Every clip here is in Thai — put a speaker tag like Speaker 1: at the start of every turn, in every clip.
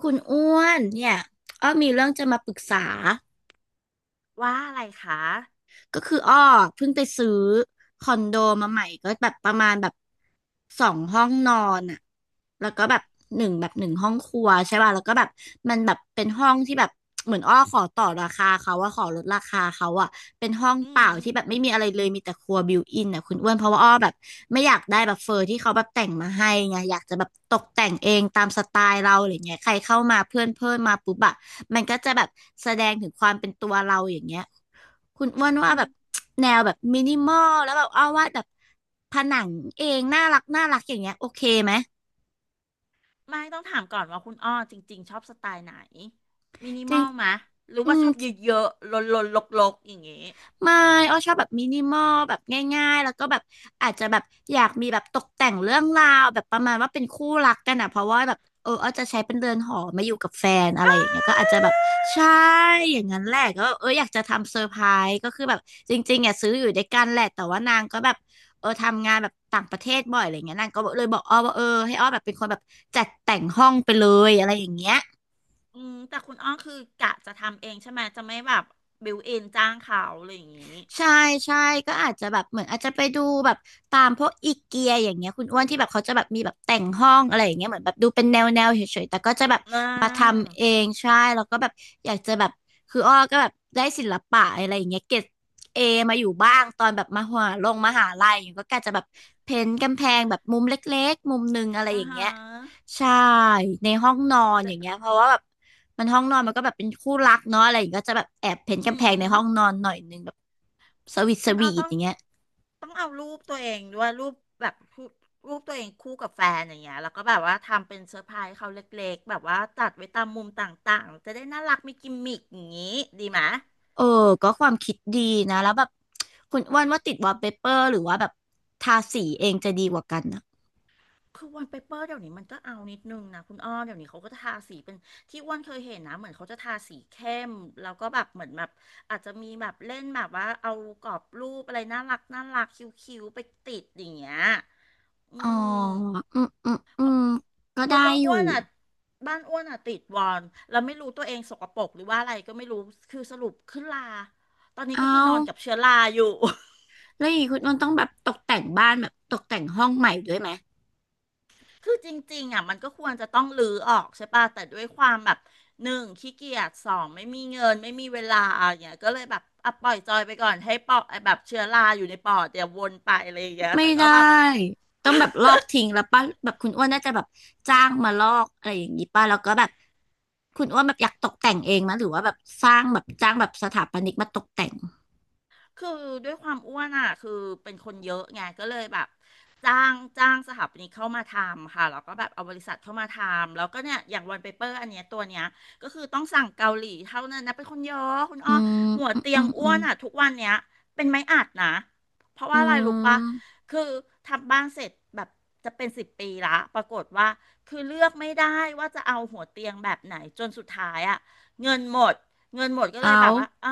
Speaker 1: คุณอ้วนเนี่ยอ้อมีเรื่องจะมาปรึกษา
Speaker 2: ว่าอะไรคะ
Speaker 1: ก็คืออ้อเพิ่งไปซื้อคอนโดมาใหม่ก็แบบประมาณแบบสองห้องนอนอ่ะแล้วก็แบบหนึ่งห้องครัวใช่ป่ะแล้วก็แบบมันแบบเป็นห้องที่แบบเหมือนอ้อขอต่อราคาเขาว่าขอลดราคาเขาอ่ะเป็นห้อง
Speaker 2: อื
Speaker 1: เปล่า
Speaker 2: ม
Speaker 1: ที่แบบไม่มีอะไรเลยมีแต่ครัวบิวอินอ่ะคุณอ้วนเพราะว่าอ้อแบบไม่อยากได้แบบเฟอร์ที่เขาแบบแต่งมาให้ไงอยากจะแบบตกแต่งเองตามสไตล์เราอะไรเงี้ยใครเข้ามาเพื่อนเพื่อนมาปุ๊บอะมันก็จะแบบแสดงถึงความเป็นตัวเราอย่างเงี้ย คุณอ้วนว่า
Speaker 2: อื
Speaker 1: แบบ
Speaker 2: ม
Speaker 1: แนวแบบมินิมอลแล้วแบบเอาวาดแบบผนังเองน่ารักน่ารักอย่างเงี้ยโอเคไหม
Speaker 2: ไม่ต้องถามก่อนว่าคุณอ้อจริงๆชอบสไตล์ไหน มินิ
Speaker 1: จ
Speaker 2: ม
Speaker 1: ริ
Speaker 2: อ
Speaker 1: ง
Speaker 2: ลมะ หรือ
Speaker 1: อื
Speaker 2: ว่าช
Speaker 1: ม
Speaker 2: อบเยอะๆลนๆลกๆอย่างเงี้ย
Speaker 1: ไม่อ้อชอบแบบมินิมอลแบบง่ายๆ แล้วก็แบบอาจจะแบบอยากมีแบบตกแต่งเรื่องราวแบบประมาณว่าเป็นคู่รักกันอ่ะเพราะว่าแบบเอออ้อจะใช้เป็นเรือนหอมาอยู่กับแฟนอะไร
Speaker 2: อา
Speaker 1: อย่างเงี้ยก็อาจจะแบบใช่อย่างนั้นแหละก็เอออยากจะทำเซอร์ไพรส์ก็คือแบบจริงๆอ่ะซื้ออยู่ด้วยกันแหละแต่ว่านางก็แบบเออทำงานแบบต่างประเทศบ่อยอะไรเงี้ยนางก็เลยบอกอ้อว่าเออให้อ้อแบบเป็นคนแบบจัดแต่งห้องไปเลยอะไรอย่างเงี้ย
Speaker 2: อืมแต่คุณอ้อคือกะจะทำเองใช่ไหมจะไม่แบบบิวเอนจ้างเขาอะไรอย่างงี้
Speaker 1: ใช่ใช่ก็อาจจะแบบเหมือนอาจจะไปดูแบบตามพวกอีเกียอย่างเงี้ยคุณอ้วนที่แบบเขาจะแบบมีแบบแต่งห้องอะไรอย่างเงี้ยเหมือนแบบดูเป็นแนวเฉยๆแต่ก็จะแบบ
Speaker 2: อ่
Speaker 1: มาท
Speaker 2: า
Speaker 1: ำเองใช่แล้วก็แบบอยากจะแบบคืออ้อก็แบบได้ศิลปะอะไรอย่างเงี้ยเกรดเอมาอยู่บ้างตอนแบบมหาลัยอย่างเงี้ยก็กะจะแบบเพ้นท์กำแพงแบบมุมเล็กๆมุมหนึงอะไร
Speaker 2: อ่า
Speaker 1: อย่าง
Speaker 2: ฮะ
Speaker 1: เงี้ยใช่ในห้องนอนอ
Speaker 2: เดะ
Speaker 1: ย่างเงี้ยเพราะว่าแบบมันห้องนอนมันก็แบบเป็นคู่รักเนาะอะไรอย่างเงี้ยก็จะแบบแอบเพ้นท์
Speaker 2: อื
Speaker 1: กำแพงใน
Speaker 2: ม
Speaker 1: ห้องนอนหน่อยนึงแบบ สวีทส
Speaker 2: คุณเอา
Speaker 1: วี
Speaker 2: ต้
Speaker 1: ท
Speaker 2: อ
Speaker 1: อ
Speaker 2: ง
Speaker 1: ย่างเงี้ย
Speaker 2: เอารูปตัวเองด้วยรูปแบบรูปตัวเองคู่กับแฟนอย่างเงี้ยแล้วก็แบบว่าทำเป็นเซอร์ไพรส์เขาเล็กๆแบบว่าตัดไว้ตามมุมต่างๆจะได้น่ารักมีกิมมิคอย่างงี้ดีไหม
Speaker 1: เออก็ความคิดดีนะแล้วแบบคุณอ้วนว่าติดวอลเปเปอร์หรือว่าแบบทาสีเองจะดีกว่ากันนะ
Speaker 2: คือวันเปเปอร์เดี๋ยวนี้มันก็เอานิดนึงนะคุณอ้อเดี๋ยวนี้เขาก็ทาสีเป็นที่อ้วนเคยเห็นนะเหมือนเขาจะทาสีเข้มแล้วก็แบบเหมือนแบบอาจจะมีแบบเล่นแบบว่าเอากรอบรูปอะไรน่ารักน่ารักคิ้วๆไปติดอย่างเงี้ยอื
Speaker 1: อ๋อ
Speaker 2: ม
Speaker 1: อืมอืมอืมก็
Speaker 2: เพ
Speaker 1: ได้
Speaker 2: ราะว่า
Speaker 1: อ
Speaker 2: อ้
Speaker 1: ยู่
Speaker 2: วนอ่ะบ้านอ้วนอ่ะติดวอนแล้วไม่รู้ตัวเองสกปรกหรือว่าอะไรก็ไม่รู้คือสรุปขึ้นลาตอนนี้
Speaker 1: เอ
Speaker 2: ก็คือ
Speaker 1: า
Speaker 2: นอนกับเชื้อราอยู่
Speaker 1: แล้วอย่างงี้คุณอ้วนต้องแบบตกแต่งบ้านแบบตกแต่งห้องใหม่ด้วยไหม
Speaker 2: คือจริงๆอ่ะมันก็ควรจะต้องรื้อออกใช่ป่ะแต่ด้วยความแบบหนึ่งขี้เกียจสองไม่มีเงินไม่มีเวลาอย่างเงี้ยก็เลยแบบอ่ะปล่อยจอยไปก่อนให้ปอดแบบเชื้อราอยู่ในปอดเดี๋ยววนไปอะไรอย่างเงี้ย
Speaker 1: ไม่
Speaker 2: แต่ก็
Speaker 1: ได้
Speaker 2: แบบ
Speaker 1: ต้องแบบลอกทิ้งแล้วป่ะแบบคุณอ้วนน่าจะแบบจ้างมาลอกอะไรอย่างนี้ป่ะแล้วก็แบบคุณอ้วนแบบอยากตกแต่งเองมั้ยหรือว่าแบบสร้างแบบจ้างแบบสถาปนิกมาตกแต่ง
Speaker 2: คือด้วยความอ้วนอ่ะคือเป็นคนเยอะไงก็เลยแบบจ้างสถาปนิกเข้ามาทำค่ะแล้วก็แบบเอาบริษัทเข้ามาทำแล้วก็เนี่ยอย่างวันเปเปอร์อันเนี้ยตัวเนี้ยก็คือต้องสั่งเกาหลีเท่านั้นนะเป็นคนเยอะคุณ
Speaker 1: อื
Speaker 2: อ้อ
Speaker 1: ม
Speaker 2: หัว
Speaker 1: อืม
Speaker 2: เตีย
Speaker 1: อื
Speaker 2: ง
Speaker 1: มอื
Speaker 2: อ้ว
Speaker 1: ม
Speaker 2: นอ่ะทุกวันเนี้ยเป็นไม้อัดนะเพราะ
Speaker 1: อื
Speaker 2: ว่าอะไรรู้ปะ
Speaker 1: ม
Speaker 2: คือทำบ้านเสร็จแบบจะเป็นสิบปีละปรากฏว่าคือเลือกไม่ได้ว่าจะเอาหัวเตียงแบบไหนจนสุดท้ายอ่ะเงินหมดก็เลยแบ
Speaker 1: เอา
Speaker 2: บว่าอ่ะ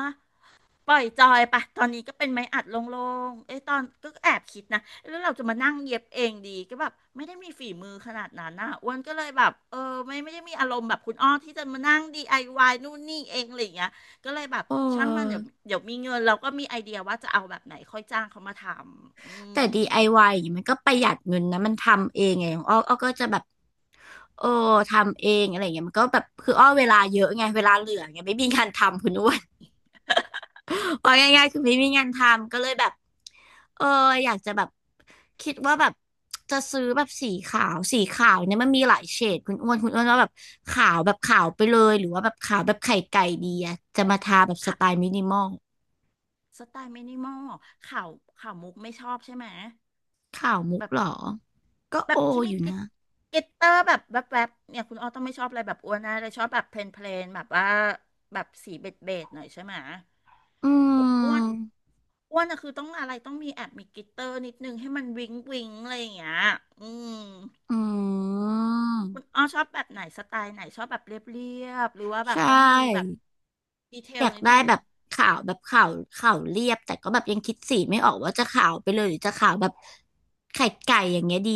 Speaker 2: ปล่อยจอยปะตอนนี้ก็เป็นไม้อัดโล่งๆเอ้ยตอนก็แอบคิดนะแล้วเราจะมานั่งเย็บเองดีก็แบบไม่ได้มีฝีมือขนาดนั้นนะอ้วนก็เลยแบบเออไม่ได้มีอารมณ์แบบคุณอ้อที่จะมานั่งดีไอวายนู่นนี่เองอะไรอย่างเงี้ยก็เลยแบบ
Speaker 1: เ
Speaker 2: ช่างมันเดี๋ยว
Speaker 1: ออ
Speaker 2: มีเงินเราก็มีไอเดียว่าจะเอาแบบไหนค่อยจ้างเขามาทำ
Speaker 1: แต่
Speaker 2: ม
Speaker 1: DIY อวายอย่างเงี้ยมันก็ประหยัดเงินนะมันทำเองไงของอ้ออ้อก็จะแบบโอ้ทำเองอะไรเงี้ยมันก็แบบคืออ้อเวลาเยอะไงเวลาเหลือไงไม่มีงานทำคุณอ้วน ว่าง่ายๆคือไม่มีงานทำก็เลยแบบเอออยากจะแบบคิดว่าแบบจะซื้อแบบสีขาวสีขาวเนี่ยมันมีหลายเฉดคุณอ้วนว่าแบบขาวแบบขาวไปเลยหรือว่าแบบขาวแบบไข่ไก่ดีอะจะมาทาแบบสไต
Speaker 2: ค่ะ
Speaker 1: ล์มินิมอล
Speaker 2: สไตล์มินิมอลข่าวข่าวมุกไม่ชอบใช่ไหม
Speaker 1: ขาวมุก
Speaker 2: แบบ
Speaker 1: เหรอก็
Speaker 2: แบ
Speaker 1: โอ
Speaker 2: บที่
Speaker 1: อ
Speaker 2: มี
Speaker 1: ยู่
Speaker 2: กลิต
Speaker 1: นะ
Speaker 2: กลิตเตอร์แบบแวบๆเนี่ยคุณอ้อต้องไม่ชอบอะไรแบบอ้วนนะเลยชอบแบบเพลนเพลนแบบว่าแบบสีเบจเบจหน่อยใช่ไหม
Speaker 1: อื
Speaker 2: อ
Speaker 1: ม
Speaker 2: อ้วนอะคือต้องอะไรต้องมีแอบมีกลิตเตอร์นิดนึงให้มันวิงวิงอะไรอย่างเงี้ยอืม
Speaker 1: อื
Speaker 2: คุ
Speaker 1: ม
Speaker 2: ณอ้อชอบแบบไหนสไตล์ไหนชอบแบบเรียบเรียบหรือว่าแบบ
Speaker 1: ใช่
Speaker 2: ต้องมีแบบดีเท
Speaker 1: อ
Speaker 2: ล
Speaker 1: ยาก
Speaker 2: นิด
Speaker 1: ได้
Speaker 2: นึง
Speaker 1: แบบขาวแบบขาวขาวเรียบแต่ก็แบบยังคิดสีไม่ออกว่าจะขาวไปเลยหรือจะขาวแบบไข่ไก่อย่างเงี้ยดี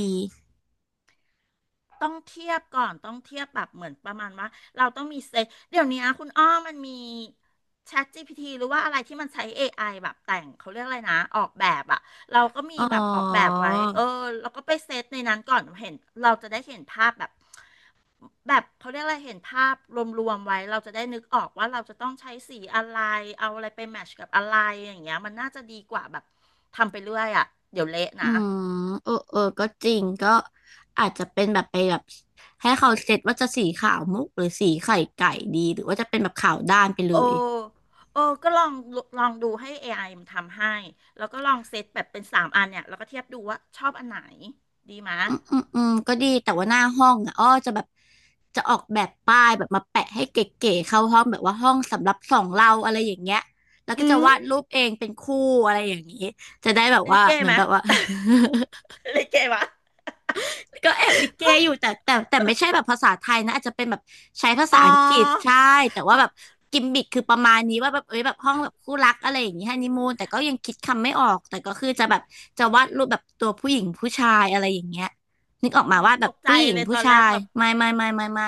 Speaker 2: ต้องเทียบก่อนต้องเทียบแบบเหมือนประมาณว่าเราต้องมีเซตเดี๋ยวนี้คุณอ้อมันมี c h a พ g p t หรือว่าอะไรที่มันใช้ AI แบบแต่งเขาเรียกอะไรนะออกแบบอะเราก็มี
Speaker 1: อ๋อ
Speaker 2: แบบออกแบบไว้เออเราก็ไปเซตในนั้นก่อนเห็นเราจะได้เห็นภาพแบบแบบเขาเรียกอะไรเห็นภาพรวมๆไว้เราจะได้นึกออกว่าเราจะต้องใช้สีอะไรเอาอะไรไปแมทช์กับอะไรอย่างเงี้ยมันน่าจะดีกว่าแบบทำไปเรื่อยอะเดี๋ยวเละ
Speaker 1: อื
Speaker 2: นะ
Speaker 1: มเออเออก็จริงก็อาจจะเป็นแบบไปแบบให้เขาเซตว่าจะสีขาวมุกหรือสีไข่ไก่ดีหรือว่าจะเป็นแบบขาวด้านไปเล
Speaker 2: โอ้
Speaker 1: ย
Speaker 2: โอ้ ก็ลอง ลองดูให้ AI มันทำให้ แล้วก็ลองเซตแบบเป็นสามอันเนี่ย แล้วก็เทียบดูว่าชอบอันไหน ดีไหมะ
Speaker 1: อืมอืมอืมก็ดีแต่ว่าหน้าห้องอ่ะอ้อจะแบบจะออกแบบป้ายแบบมาแปะให้เก๋ๆเข้าห้องแบบว่าห้องสำหรับสองเราอะไรอย่างเงี้ยแล้วก็
Speaker 2: อื
Speaker 1: จะ
Speaker 2: ม
Speaker 1: วาดรูปเองเป็นคู่อะไรอย่างนี้จะได้แบบ
Speaker 2: ลิ
Speaker 1: ว่า
Speaker 2: เก้
Speaker 1: เหมือ
Speaker 2: ไห
Speaker 1: น
Speaker 2: มะ
Speaker 1: แบบว่า
Speaker 2: ลิเก้วะ
Speaker 1: ก็แอบลิเกอยู่แต่ไม่ใช่แบบภาษาไทยนะอาจจะเป็นแบบใช้ภา
Speaker 2: อ๋
Speaker 1: ษาอังกฤษ
Speaker 2: อ
Speaker 1: ใช่แต่ว่าแบบกิมมิคคือประมาณนี้ว่าแบบเอ้ยแบบห้องแบบคู่รักอะไรอย่างนี้ฮันนีมูนแต่ก็ยังคิดคำไม่ออกแต่ก็คือจะแบบจะวาดรูปแบบตัวผู้หญิงผู้ชายอะไรอย่างเงี้ยนึกอ
Speaker 2: อ๋
Speaker 1: อ
Speaker 2: อ
Speaker 1: กมาว่าแบ
Speaker 2: ต
Speaker 1: บ
Speaker 2: กใจ
Speaker 1: ผู้หญิง
Speaker 2: เลยต
Speaker 1: ผู้
Speaker 2: อน
Speaker 1: ชา
Speaker 2: แรก
Speaker 1: ย
Speaker 2: แบบ
Speaker 1: ไม่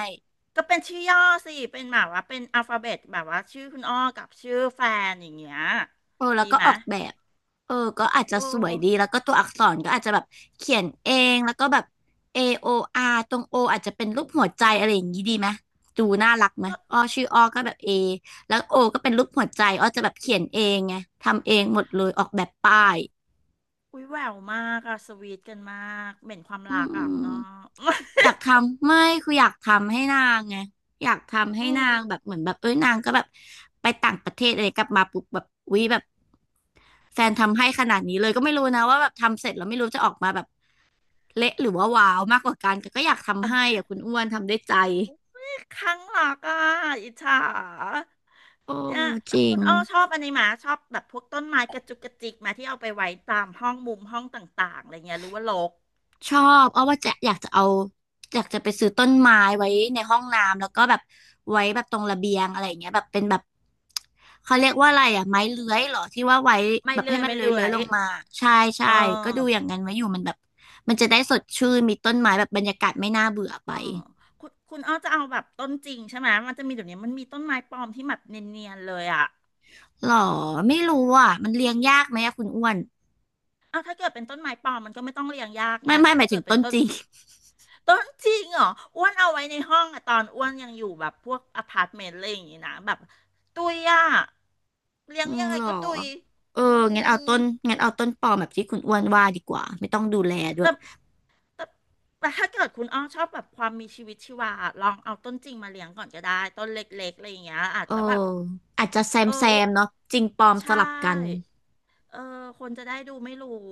Speaker 2: ก็เป็นชื่อย่อสิ เป็นแบบว่าเป็นอัลฟาเบตแบบว่าชื่อคุณอ้อกับชื่อแฟนอย่างเงี้ย
Speaker 1: เออแล้
Speaker 2: ดี
Speaker 1: วก็
Speaker 2: ไห
Speaker 1: อ
Speaker 2: มะ
Speaker 1: อกแบบเออก็อาจจะ
Speaker 2: โอ้
Speaker 1: สวยดีแล้วก็ตัวอักษรก็อาจจะแบบเขียนเองแล้วก็แบบเอโออาร์ตรง O ออาจจะเป็นรูปหัวใจอะไรอย่างนี้ดีไหมดูน่ารักไหม
Speaker 2: ก็
Speaker 1: อ้อชื่ออ้อก็แบบ A แล้ว O ก็เป็นรูปหัวใจอ้อจะแบบเขียนเองไงทำเองหมดเลยออกแบบป้าย
Speaker 2: อุ้ยแหววมากอะสวีทกันมาก เหม็นความ
Speaker 1: อื
Speaker 2: รัก
Speaker 1: ม
Speaker 2: อะคุณอ้อ
Speaker 1: อยากทำไม่คืออยากทำให้นางไงอยากทำ ให้
Speaker 2: อื
Speaker 1: นา
Speaker 2: ม
Speaker 1: งแบบเหมือนแบบเอ้ยนางก็แบบไปต่างประเทศอะไรกลับมาปุ๊บแบบวิแบบแฟนทำให้ขนาดนี้เลยก็ไม่รู้นะว่าแบบทำเสร็จแล้วไม่รู้จะออกมาแบบเละหรือว่าว้าวมากกว่ากันแต่ก็อยากทำให้อะคุณอ้วนทำด้วยใจ
Speaker 2: ครั้งหลอกอ่ะอิจฉา
Speaker 1: โอ้
Speaker 2: เนี่ย
Speaker 1: จ
Speaker 2: แล้ว
Speaker 1: ริ
Speaker 2: คุ
Speaker 1: ง
Speaker 2: ณอ้อชอบอันนี้ไหมาชอบแบบพวกต้นไม้กระจุกกระจิกมาที่เอาไปไว้ตามห้องมุมห้องต่างๆอะไรเงี้ยหรือว่ารก
Speaker 1: ชอบอ้อว่าจะอยากจะเอาอยากจะไปซื้อต้นไม้ไว้ในห้องน้ำแล้วก็แบบไว้แบบตรงระเบียงอะไรอย่างเงี้ยแบบเป็นแบบเขาเรียกว่าอะไรอ่ะไม้เลื้อยเหรอที่ว่าไว้แบบให้มัน
Speaker 2: ไม่
Speaker 1: เลื้อย
Speaker 2: เลื่อ
Speaker 1: เลื้อย
Speaker 2: ย
Speaker 1: ลงมาใช่ใช่
Speaker 2: เอ
Speaker 1: ก็ดูอ
Speaker 2: อ
Speaker 1: ย่างนั้นไว้อยู่มันแบบมันจะได้สดชื่นมีต้นไม้แบบบรรยากาศไม่น่าเบื่อไป
Speaker 2: อออคุณอ้อจะเอาแบบต้นจริงใช่ไหมมันจะมีเดี๋ยวนี้มันมีต้นไม้ปลอมที่แบบเนียนๆเลยอ่ะ
Speaker 1: หรอไม่รู้อ่ะมันเลี้ยงยากไหมอะคุณอ้วน
Speaker 2: เอาถ้าเกิดเป็นต้นไม้ปลอมมันก็ไม่ต้องเรียงยากไง
Speaker 1: ไม่ไม่
Speaker 2: แต่
Speaker 1: หมา
Speaker 2: ถ้า
Speaker 1: ยถึ
Speaker 2: เกิ
Speaker 1: ง
Speaker 2: ดเป็น
Speaker 1: ต้น
Speaker 2: ต้น
Speaker 1: จริง
Speaker 2: จริงเหรออ้วนเอาไว้ในห้องอะตอนอ้วนยังอยู่แบบพวกอพาร์ตเมนต์อะไรอย่างงี้นะแบบตุยอ่ะ เลี้ ย
Speaker 1: อื
Speaker 2: ง
Speaker 1: ม
Speaker 2: ยังไง
Speaker 1: หรอ
Speaker 2: ก็ตุย
Speaker 1: เออ
Speaker 2: อื
Speaker 1: งั้นเอาต้
Speaker 2: ม
Speaker 1: นงั้นเอาต้นปลอมแบบที่คุณอ้วนว่าดีกว่าไม่ต้องดูแลด้ว
Speaker 2: แต่
Speaker 1: ย
Speaker 2: แต่ ถ้าเกิดคุณอ้อชอบแบบความมีชีวิตชีวาลองเอาต้นจริงมาเลี้ยงก่อนก็ได้ต้นเล็กๆอะไรอย่างเงี้ยอาจ
Speaker 1: เออ
Speaker 2: จะแบบ
Speaker 1: อาจจะแซ
Speaker 2: เอ
Speaker 1: ม
Speaker 2: อ
Speaker 1: แซ
Speaker 2: อ้ว
Speaker 1: มเนาะจริงปลอมส
Speaker 2: ใช่
Speaker 1: ลับกัน
Speaker 2: เออ คนจะได้ดูไม่รู้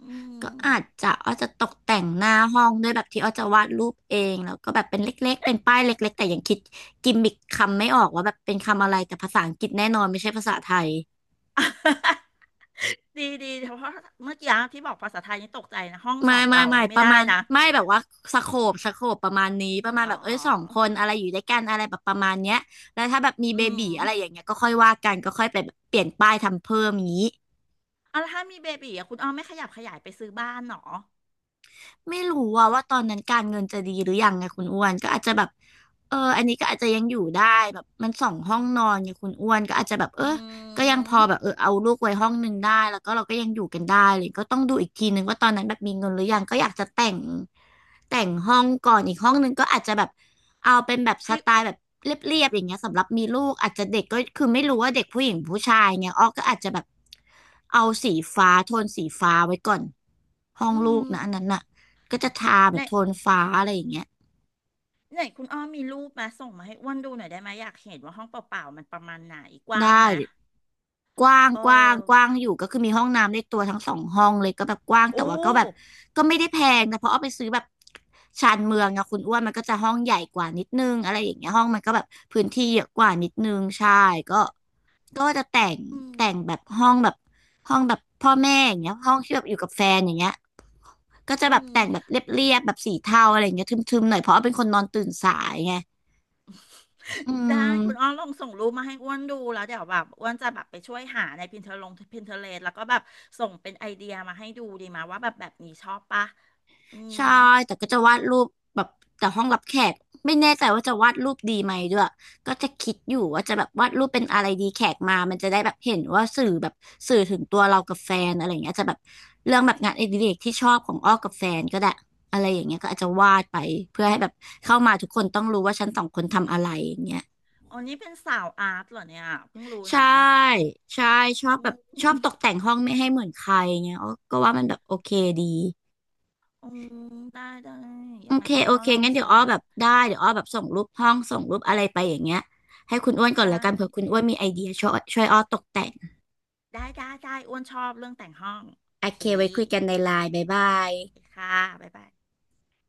Speaker 2: อื
Speaker 1: ก็
Speaker 2: ม
Speaker 1: อาจจะอ้อจะตกแต่งหน้าห้องด้วยแบบที่อ้อจะวาดรูปเองแล้วก็แบบเป็นเล็กๆเป็นป้ายเล็กๆแต่ยังคิดกิมมิคคำไม่ออกว่าแบบเป็นคำอะไรแต่ภาษาอังกฤษแน่นอนไม่ใช่ภาษาไทย
Speaker 2: ดีดีเพราะเมื่อกี้ที่บอกภาษาไทยนี่ตกใจนะห้องส
Speaker 1: ไม่
Speaker 2: อง
Speaker 1: ไม่
Speaker 2: เรา
Speaker 1: ไม่
Speaker 2: เนี่ย
Speaker 1: ป
Speaker 2: ไม่
Speaker 1: ระ
Speaker 2: ได้
Speaker 1: มาณ
Speaker 2: นะ
Speaker 1: ไม่แบบว่าสโคปประมาณนี้ประมาณ
Speaker 2: อ๋
Speaker 1: แบบเอ้ยสองค
Speaker 2: อ
Speaker 1: นอะไรอยู่ด้วยกันอะไรแบบประมาณเนี้ยแล้วถ้าแบบมีเบ
Speaker 2: อื
Speaker 1: บี
Speaker 2: ม
Speaker 1: อะไรอย่างเงี้ยก็ค่อยว่ากันก็ค่อยไปแบบเปลี่ยนป้ายทำเพิ่มอย่างนี้
Speaker 2: เอาแล้วถ้ามีเบบีอ่ะคุณอ้อมไม่ขยับขยายไปซื้อบ้านเหรอ
Speaker 1: ไม่รู้ว่าตอนนั้นการเงินจะดีหรือยังไงคุณอ้วนก็อาจจะแบบเอออันนี้ก็อาจจะยังอยู่ได้แบบมันสองห้องนอนไงคุณอ้วนก็อาจจะแบบเออ
Speaker 2: อื
Speaker 1: ก็ยังพ
Speaker 2: ม
Speaker 1: อแบบเออเอาลูกไว้ห้องหนึ่งได้แล้วก็เราก็ยังอยู่กันได้เลยก็ต้องดูอีกทีนึงว่าตอนนั้นแบบมีเงินหรือยังก็อยากจะแต่งแต่งห้องก่อนอีกห้องหนึ่งก็อาจจะแบบเอาเป็นแบบส
Speaker 2: ให้
Speaker 1: ไตล์แบบเรียบๆอย่างเงี้ยสำหรับมีลูกอาจจะเด็กก็คือไม่รู้ว่าเด็กผู้หญิงผู้ชายเงี้ยอ้อก็อาจจะแบบเอาสีฟ้าโทนสีฟ้าไว้ก่อนห้อ
Speaker 2: อื
Speaker 1: งลู
Speaker 2: ม
Speaker 1: กนะอันนั้นน่ะ ก็จะทาแบ
Speaker 2: ใน
Speaker 1: บโทนฟ้าอะไรอย่างเงี้ย
Speaker 2: ไหนคุณอ้อมีรูปมาส่งมาให้อ้วนดูหน่อยได้ไหมอยากเห็นว่าห้องเปล่าๆมันประมาณไหนกว้า
Speaker 1: ได้
Speaker 2: งไหม
Speaker 1: กว้าง
Speaker 2: เอ
Speaker 1: กว้าง
Speaker 2: อ
Speaker 1: กว้างอยู่ก็คือมีห้องน้ำเลขตัวทั้งสองห้องเลยก็แบบกว้าง
Speaker 2: โอ้
Speaker 1: แต่ว่าก็แบบก็ไม่ได้แพงนะเพราะเอาไปซื้อแบบชานเมืองอะคุณอ้วนมันก็จะห้องใหญ่กว่านิดนึงอะไรอย่างเงี้ยห้องมันก็แบบพื้นที่เยอะกว่านิดนึงใช่ก็ก็จะแต่ง
Speaker 2: อืม
Speaker 1: แต่งแบบห้องแบบพ่อแม่อย่างเงี้ยห้องที่แบบอยู่กับแฟนอย่างเงี้ยก็จะ
Speaker 2: อื
Speaker 1: แบบ
Speaker 2: ม
Speaker 1: แต่งแบบเรียบๆแบบสีเทาอะไรอย่างเงี้ยทึมๆหน่อยเพราะว่าเป็นคนนอนตื่นสายไงอื
Speaker 2: ได้คุณอ้อ
Speaker 1: ม
Speaker 2: ลองส่งรูปมาให้อ้วนดูแล้วเดี๋ยวแบบอ้วนจะแบบไปช่วยหาใน Pinterest แล้วก็แบบส่งเป็นไอเดียมาให้ดูดีไหมาว่าแบบแบบนี้ชอบปะอืม
Speaker 1: ใช่แต่ก็จะวาดรูปแบบแต่ห้องรับแขกไม่แน่ใจว่าจะวาดรูปดีไหมด้วยก็จะคิดอยู่ว่าจะแบบวาดรูปเป็นอะไรดีแขกมามันจะได้แบบเห็นว่าสื่อแบบสื่อถึงตัวเรากับแฟนอะไรอย่างเงี้ยจะแบบเรื่องแบบงานอดิเรกที่ชอบของอ้อกับแฟนก็ได้อะไรอย่างเงี้ยก็อาจจะวาดไปเพื่อให้แบบ
Speaker 2: อื
Speaker 1: เข้ามา
Speaker 2: ม
Speaker 1: ทุกคนต้องรู้ว่าฉันสองคนทำอะไรอย่างเงี้ย
Speaker 2: อันนี้เป็นสาวอาร์ตเหรอเนี่ยเพิ่งรู้
Speaker 1: ใช่
Speaker 2: นะ
Speaker 1: ใช่ชอบ
Speaker 2: อื
Speaker 1: แบบ
Speaker 2: ม
Speaker 1: ชอบตกแต่งห้องไม่ให้เหมือนใครเงี้ยอ้อก็ว่ามันแบบโอเคดี
Speaker 2: อืมได้ได้ยั
Speaker 1: โอ
Speaker 2: งไง
Speaker 1: เค
Speaker 2: คุณ
Speaker 1: โอ
Speaker 2: อ้อ
Speaker 1: เค
Speaker 2: ลอง
Speaker 1: งั้นเดี๋ย
Speaker 2: ส่
Speaker 1: ว
Speaker 2: ง
Speaker 1: อ้อ
Speaker 2: มา
Speaker 1: แบบได้เดี๋ยวอ้อแบบส่งรูปห้องส่งรูปอะไรไปอย่างเงี้ยให้คุณอ้วนก่อน
Speaker 2: ได้
Speaker 1: ละกันเผื่อคุณอ้วนมีไอเดียช่วยอ้อตกแต่ง
Speaker 2: ได้อ้วนชอบเรื่องแต่งห้องโอ
Speaker 1: โอ
Speaker 2: เค
Speaker 1: เคไว้คุยกันในไลน์บ๊ายบาย
Speaker 2: ค่ะบ๊ายบาย